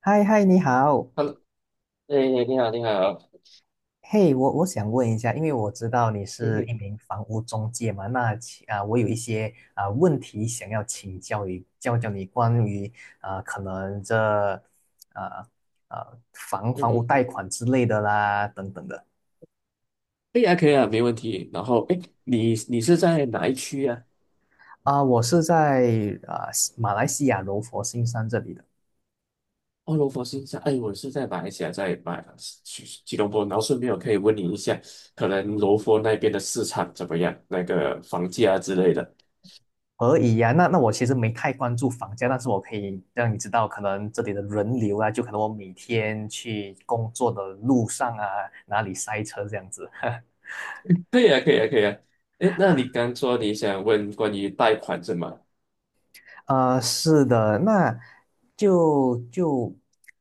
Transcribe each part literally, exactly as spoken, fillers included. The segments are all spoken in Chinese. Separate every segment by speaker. Speaker 1: 嗨嗨，你好，
Speaker 2: Hello，哎，你好，你好，
Speaker 1: 嘿，我我想问一下，因为我知道你
Speaker 2: 嗯
Speaker 1: 是一
Speaker 2: 哼，
Speaker 1: 名房屋中介嘛，那其啊、我有一些啊、问题想要请教你，教教你关于啊、可能这啊啊房
Speaker 2: 嗯
Speaker 1: 房屋
Speaker 2: 哼，
Speaker 1: 贷款之类的啦，等等的
Speaker 2: 哎呀，可以啊，没问题。然后，哎，你你是在哪一区啊？
Speaker 1: 啊、我是在啊、马来西亚柔佛新山这里的。
Speaker 2: 哦，罗佛新山，哎，我是在马来西亚，在马吉吉隆坡。然后顺便我可以问你一下，可能罗佛那边的市场怎么样？那个房价之类的。
Speaker 1: 而已呀，那那我其实没太关注房价，但是我可以让你知道，可能这里的人流啊，就可能我每天去工作的路上啊，哪里塞车这样子。
Speaker 2: 可以啊，可以啊，可以啊。哎，那你刚说你想问关于贷款是吗？
Speaker 1: 啊，是的，那就就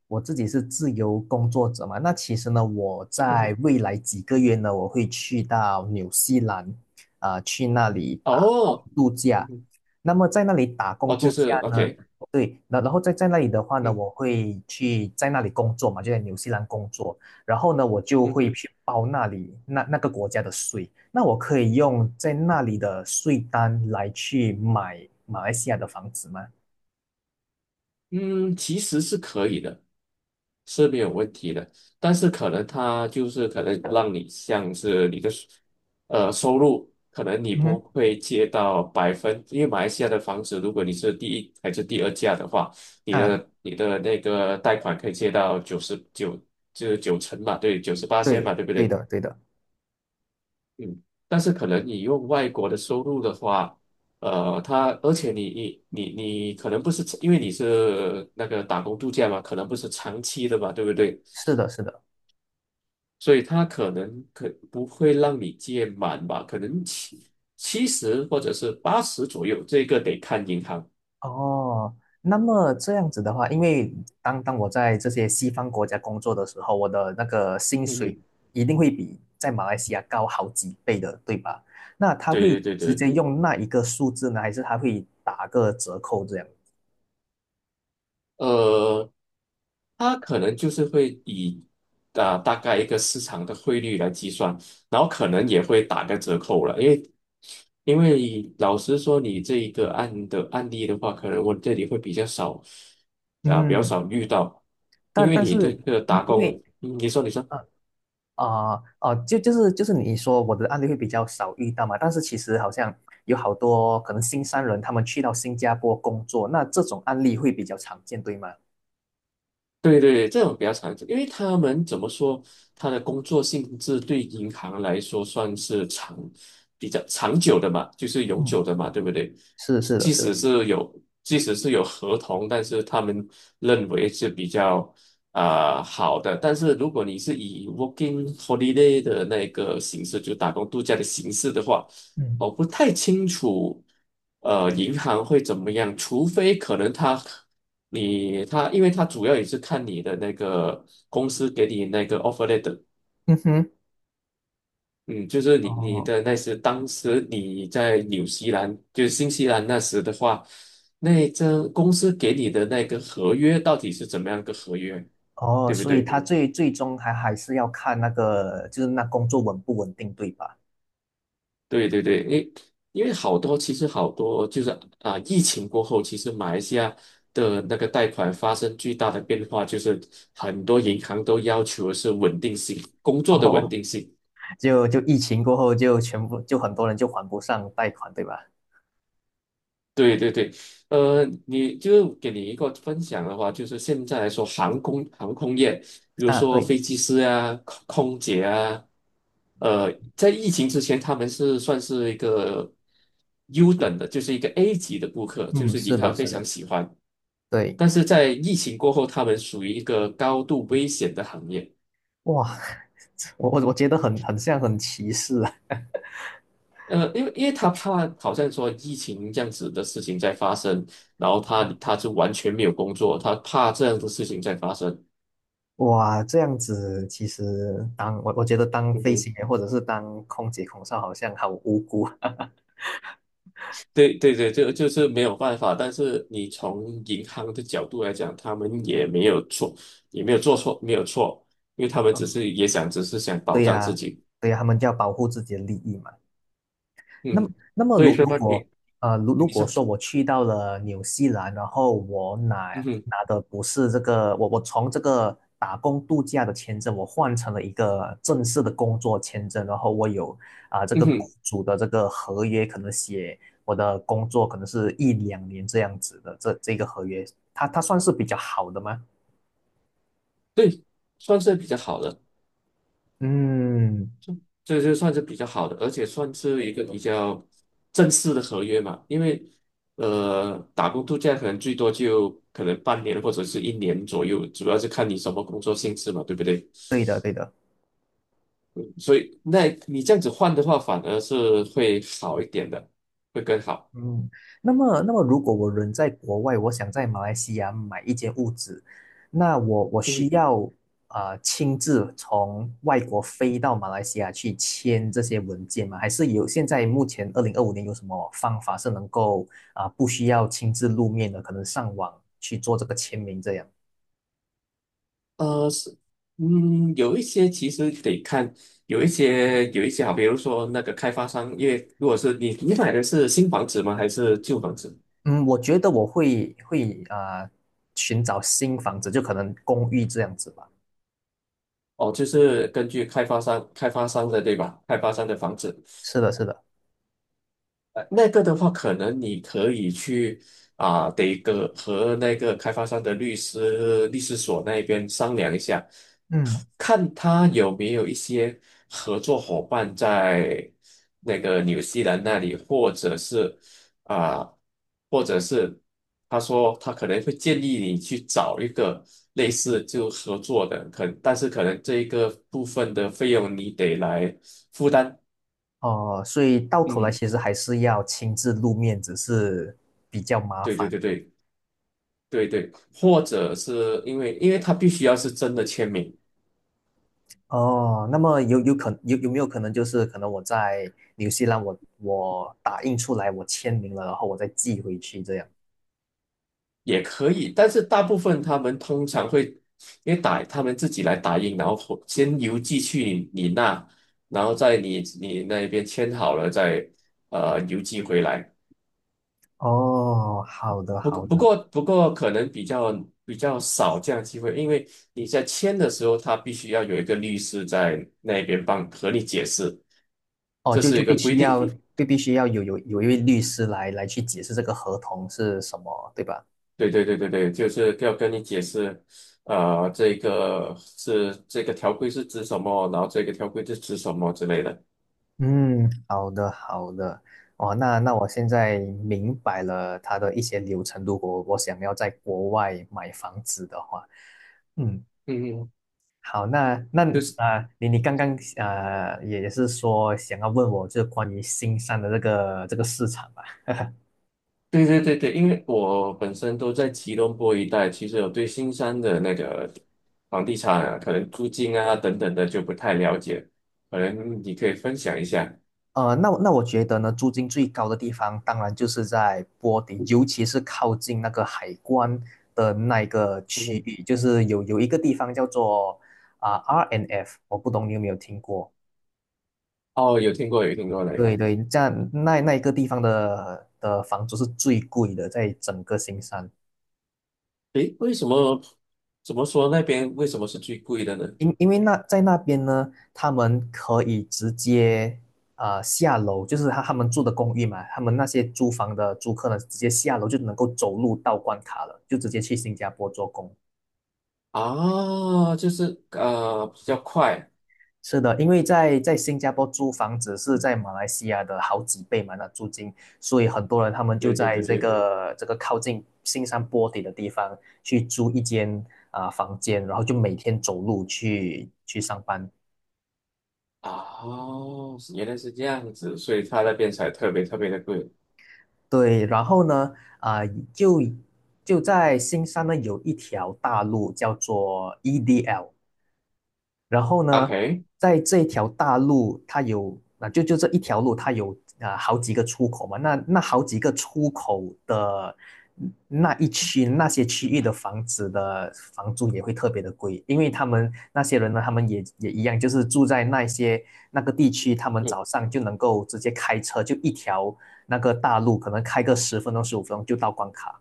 Speaker 1: 我自己是自由工作者嘛，那其实呢，我
Speaker 2: 嗯
Speaker 1: 在
Speaker 2: 哼，
Speaker 1: 未来几个月呢，我会去到纽西兰，啊、去那里打
Speaker 2: 哦，
Speaker 1: 度
Speaker 2: 嗯
Speaker 1: 假。
Speaker 2: 哼，
Speaker 1: 那么在那里打
Speaker 2: 哦，
Speaker 1: 工
Speaker 2: 就
Speaker 1: 度假
Speaker 2: 是
Speaker 1: 呢？
Speaker 2: OK，
Speaker 1: 对，那然后在在那里的话呢，
Speaker 2: 嗯
Speaker 1: 我会去在那里工作嘛，就在纽西兰工作。然后呢，我就
Speaker 2: 嗯
Speaker 1: 会
Speaker 2: 哼，
Speaker 1: 去报那里那那个国家的税。那我可以用在那里的税单来去买马来西亚的房子吗？
Speaker 2: 嗯，其实是可以的。是没有问题的，但是可能它就是可能让你像是你的收呃收入，可能你
Speaker 1: 嗯
Speaker 2: 不
Speaker 1: 哼，
Speaker 2: 会借到百分，因为马来西亚的房子，如果你是第一还是第二价的话，你
Speaker 1: 啊，
Speaker 2: 的你的那个贷款可以借到九十九就是九成嘛，对，九十八千
Speaker 1: 对，
Speaker 2: 嘛，对不
Speaker 1: 对
Speaker 2: 对？
Speaker 1: 的，对的，
Speaker 2: 嗯，但是可能你用外国的收入的话，呃，他，而且你你你你可能不是因为你是那个打工度假嘛，可能不是长期的嘛，对不对？
Speaker 1: 是的，是的。
Speaker 2: 所以它可能可不会让你借满吧，可能七七十或者是八十左右，这个得看银行。
Speaker 1: 哦，那么这样子的话，因为当当我在这些西方国家工作的时候，我的那个薪
Speaker 2: 嗯
Speaker 1: 水
Speaker 2: 哼，
Speaker 1: 一定会比在马来西亚高好几倍的，对吧？那他
Speaker 2: 对
Speaker 1: 会
Speaker 2: 对对
Speaker 1: 直
Speaker 2: 对，
Speaker 1: 接用那一个数字呢，还是他会打个折扣这样？
Speaker 2: 呃，它可能就是会以啊、大概一个市场的汇率来计算，然后可能也会打个折扣了，因为因为老实说，你这一个案的案例的话，可能我这里会比较少啊、比较
Speaker 1: 嗯，
Speaker 2: 少遇到，因
Speaker 1: 但
Speaker 2: 为
Speaker 1: 但
Speaker 2: 你这
Speaker 1: 是
Speaker 2: 个
Speaker 1: 因
Speaker 2: 打
Speaker 1: 因为
Speaker 2: 工。
Speaker 1: 呃啊哦，就就是就是你说我的案例会比较少遇到嘛，但是其实好像有好多可能新三轮他们去到新加坡工作，那这种案例会比较常见，对吗？
Speaker 2: 对对，这种比较常久，因为他们怎么说，他的工作性质对银行来说算是长、比较长久的嘛，就是永
Speaker 1: 嗯。
Speaker 2: 久的嘛，对不对？
Speaker 1: 是的，是的，
Speaker 2: 即
Speaker 1: 是
Speaker 2: 使
Speaker 1: 的。
Speaker 2: 是有，即使是有合同，但是他们认为是比较啊、好的。但是如果你是以 working holiday 的那个形式，就打工度假的形式的话，
Speaker 1: 嗯，
Speaker 2: 我不太清楚，呃，银行会怎么样，除非可能他。你他，因为他主要也是看你的那个公司给你那个 offer letter，
Speaker 1: 嗯哼，
Speaker 2: 嗯，就是你你
Speaker 1: 哦，
Speaker 2: 的那时当时你在纽西兰，就是新西兰那时的话，那这公司给你的那个合约到底是怎么样个合约，
Speaker 1: 哦，
Speaker 2: 对不
Speaker 1: 所以
Speaker 2: 对？
Speaker 1: 他最最终还还是要看那个，就是那工作稳不稳定，对吧？
Speaker 2: 对对对，因因为好多其实好多就是啊，疫情过后，其实马来西亚的那个贷款发生巨大的变化，就是很多银行都要求的是稳定性，工作的稳
Speaker 1: 哦，
Speaker 2: 定性。
Speaker 1: 就就疫情过后，就全部就很多人就还不上贷款，对吧？
Speaker 2: 对对对，呃，你就给你一个分享的话，就是现在来说，航空航空业，比如
Speaker 1: 啊，
Speaker 2: 说
Speaker 1: 对，
Speaker 2: 飞机师啊、空空姐啊，呃，在疫情之前，他们是算是一个优等的，就是一个 A 级的顾客，就
Speaker 1: 嗯，
Speaker 2: 是
Speaker 1: 是
Speaker 2: 银行
Speaker 1: 的，
Speaker 2: 非
Speaker 1: 是的，
Speaker 2: 常喜欢。
Speaker 1: 对，
Speaker 2: 但是在疫情过后，他们属于一个高度危险的行业。
Speaker 1: 哇，我我我觉得很很像很歧视啊，
Speaker 2: 呃，因为因为他怕好像说疫情这样子的事情在发生，然后他他就完全没有工作，他怕这样的事情在发生。
Speaker 1: 哇，这样子其实当我我觉得当
Speaker 2: 嗯
Speaker 1: 飞行
Speaker 2: 哼
Speaker 1: 员或者是当空姐空少好像好无辜，
Speaker 2: 对对对，就就是没有办法。但是你从银行的角度来讲，他们也没有错，也没有做错，没有错，因为他们只是 也想，只是想保
Speaker 1: 对
Speaker 2: 障自
Speaker 1: 呀，
Speaker 2: 己。
Speaker 1: 对呀，他们就要保护自己的利益嘛。那么，
Speaker 2: 嗯，
Speaker 1: 那么
Speaker 2: 所以
Speaker 1: 如
Speaker 2: 说
Speaker 1: 如果
Speaker 2: 你
Speaker 1: 呃，如如
Speaker 2: 你
Speaker 1: 果
Speaker 2: 说，
Speaker 1: 说我去到了纽西兰，然后我拿
Speaker 2: 嗯哼
Speaker 1: 拿的不是这个，我我从这个打工度假的签证，我换成了一个正式的工作签证，然后我有啊、这
Speaker 2: 嗯
Speaker 1: 个雇
Speaker 2: 哼，
Speaker 1: 主的这个合约，可能写我的工作可能是一两年这样子的，这这个合约，它它算是比较好的吗？
Speaker 2: 对，算是比较好的，
Speaker 1: 嗯，
Speaker 2: 这就算是比较好的，而且算是一个比较正式的合约嘛。因为呃，打工度假可能最多就可能半年或者是一年左右，主要是看你什么工作性质嘛，对不对？
Speaker 1: 对的，对的。
Speaker 2: 所以那你这样子换的话，反而是会好一点的，会更好。
Speaker 1: 嗯，那么，那么如果我人在国外，我想在马来西亚买一间屋子，那我我需
Speaker 2: 嗯，
Speaker 1: 要呃亲自从外国飞到马来西亚去签这些文件吗？还是有现在目前二零二五年有什么方法是能够啊、不需要亲自露面的，可能上网去做这个签名这样？
Speaker 2: 呃，是，嗯，有一些其实得看，有一些有一些好，比如说那个开发商，因为如果是你你买的是新房子吗？还是旧房子？
Speaker 1: 嗯，我觉得我会会啊、寻找新房子，就可能公寓这样子吧。
Speaker 2: 哦，就是根据开发商开发商的对吧？开发商的房子，
Speaker 1: 是的，是的，
Speaker 2: 呃，那个的话，可能你可以去啊，得个和那个开发商的律师律师所那边商量一下。
Speaker 1: 嗯。
Speaker 2: 看他有没有一些合作伙伴在那个纽西兰那里，或者是啊、或者是他说他可能会建议你去找一个类似就合作的，可但是可能这一个部分的费用你得来负担。
Speaker 1: 哦，所以到头来
Speaker 2: 嗯，
Speaker 1: 其实还是要亲自露面，只是比较麻
Speaker 2: 对对
Speaker 1: 烦。
Speaker 2: 对对对对，或者是因为因为他必须要是真的签名。
Speaker 1: 哦，那么有有可有有没有可能就是可能我在纽西兰我我打印出来我签名了，然后我再寄回去这样？
Speaker 2: 也可以，但是大部分他们通常会因为打他们自己来打印，然后回先邮寄去你那，然后在你你那边签好了再呃邮寄回来。
Speaker 1: 哦，好的，
Speaker 2: 不过
Speaker 1: 好
Speaker 2: 不
Speaker 1: 的。
Speaker 2: 过不过可能比较比较少这样的机会，因为你在签的时候，他必须要有一个律师在那边帮和你解释，
Speaker 1: 哦，
Speaker 2: 这
Speaker 1: 就
Speaker 2: 是
Speaker 1: 就
Speaker 2: 一个
Speaker 1: 必
Speaker 2: 规
Speaker 1: 须要
Speaker 2: 定。
Speaker 1: 就必须要有有有一位律师来来去解释这个合同是什么，对吧？
Speaker 2: 对对对对对，就是要跟你解释，呃，这个是这个条规是指什么，然后这个条规是指什么之类的。
Speaker 1: 嗯，好的，好的，哦，那那我现在明白了它的一些流程。如果我想要在国外买房子的话，嗯，
Speaker 2: 嗯，嗯，
Speaker 1: 好，那那
Speaker 2: 就是
Speaker 1: 啊、呃你你刚刚呃也也是说想要问我，就是关于新山的这个这个市场吧。
Speaker 2: 对对对对，因为我本身都在吉隆坡一带，其实我对新山的那个房地产啊，可能租金啊等等的就不太了解，可能你可以分享一下。
Speaker 1: 呃，那我那我觉得呢，租金最高的地方当然就是在波迪，尤其是靠近那个海关的那一个区
Speaker 2: 嗯，
Speaker 1: 域，就是有有一个地方叫做啊、R N F，我不懂你有没有听过？
Speaker 2: 哦，有听过有听过那
Speaker 1: 对，
Speaker 2: 个，
Speaker 1: 对，这样那那一个地方的的房租是最贵的，在整个新山。
Speaker 2: 诶，为什么怎么说那边为什么是最贵的呢？
Speaker 1: 因因为那在那边呢，他们可以直接呃下楼，就是他他们住的公寓嘛，他们那些租房的租客呢，直接下楼就能够走路到关卡了，就直接去新加坡做工。
Speaker 2: 啊，就是呃比较快。
Speaker 1: 是的，因为在在新加坡租房子是在马来西亚的好几倍嘛，那租金，所以很多人他们就
Speaker 2: 对对
Speaker 1: 在
Speaker 2: 对
Speaker 1: 这
Speaker 2: 对，
Speaker 1: 个这个靠近新山坡底的地方去租一间啊、房间，然后就每天走路去去上班。
Speaker 2: 哦，原来是这样子，所以它那边才特别特别的贵。
Speaker 1: 对，然后呢，啊、就就在新山呢有一条大路叫做 E D L，然后呢，
Speaker 2: OK，
Speaker 1: 在这条大路，它有啊，就就这一条路，它有啊好几个出口嘛。那那好几个出口的那一区那些区域的房子的房租也会特别的贵，因为他们那些人呢，他们也也一样，就是住在那些那个地区，他们
Speaker 2: 嗯，
Speaker 1: 早上就能够直接开车，就一条那个大路，可能开个十分钟十五分钟就到关卡。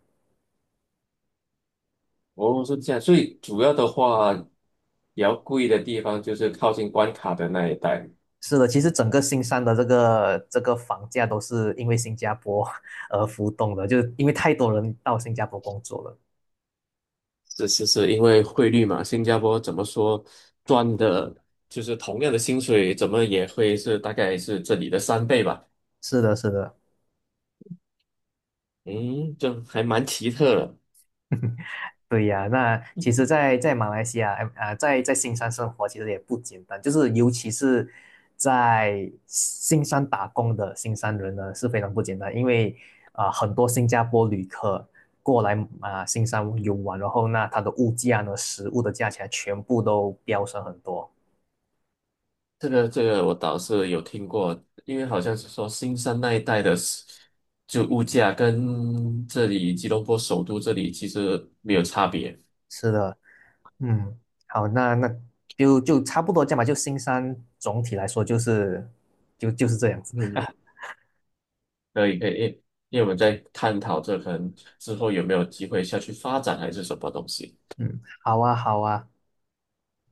Speaker 2: 哦，是这样，所以主要的话，比较贵的地方就是靠近关卡的那一带。
Speaker 1: 是的，其实整个新山的这个这个房价都是因为新加坡 而浮动的，就因为太多人到新加坡工作了。
Speaker 2: 是是是，因为汇率嘛，新加坡怎么说赚的，就是同样的薪水，怎么也会是大概是这里的三倍吧。
Speaker 1: 是的，是的，
Speaker 2: 嗯，这还蛮奇特的。
Speaker 1: 对呀。那其实在，在马来西亚，哎啊、在在新山生活其实也不简单，就是尤其是在新山打工的新山人呢是非常不简单，因为啊、很多新加坡旅客过来啊、新山游玩，然后那它的物价呢，食物的价钱全部都飙升很多。
Speaker 2: 这个这个我倒是有听过，因为好像是说新山那一带的是，就物价跟这里吉隆坡首都这里其实没有差别。
Speaker 1: 是的。嗯，好，那那就就差不多这样吧。就新山总体来说就是就就是这样子。
Speaker 2: 嗯，可以可以，因为因为我们在探讨这可能之后有没有机会下去发展还是什么东西。
Speaker 1: 嗯，好啊，好啊，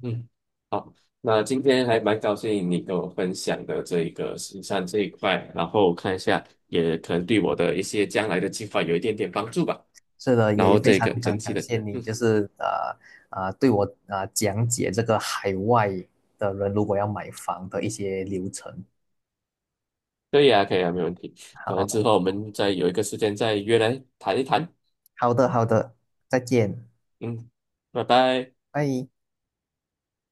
Speaker 2: 嗯，好，那今天还蛮高兴你跟我分享的这一个新山这一块，然后看一下也可能对我的一些将来的计划有一点点帮助吧。
Speaker 1: 是的，
Speaker 2: 然
Speaker 1: 也也
Speaker 2: 后
Speaker 1: 非
Speaker 2: 这
Speaker 1: 常
Speaker 2: 个整
Speaker 1: 感
Speaker 2: 体
Speaker 1: 感
Speaker 2: 的。
Speaker 1: 谢你，
Speaker 2: 嗯。
Speaker 1: 就是呃呃对我呃讲解这个海外的人如果要买房的一些流程。
Speaker 2: 可以啊，可以啊，没问题。反正之
Speaker 1: 好，
Speaker 2: 后我们再有一个时间再约来谈一谈。
Speaker 1: 好的，好的，再见，
Speaker 2: 嗯，拜拜。
Speaker 1: 拜。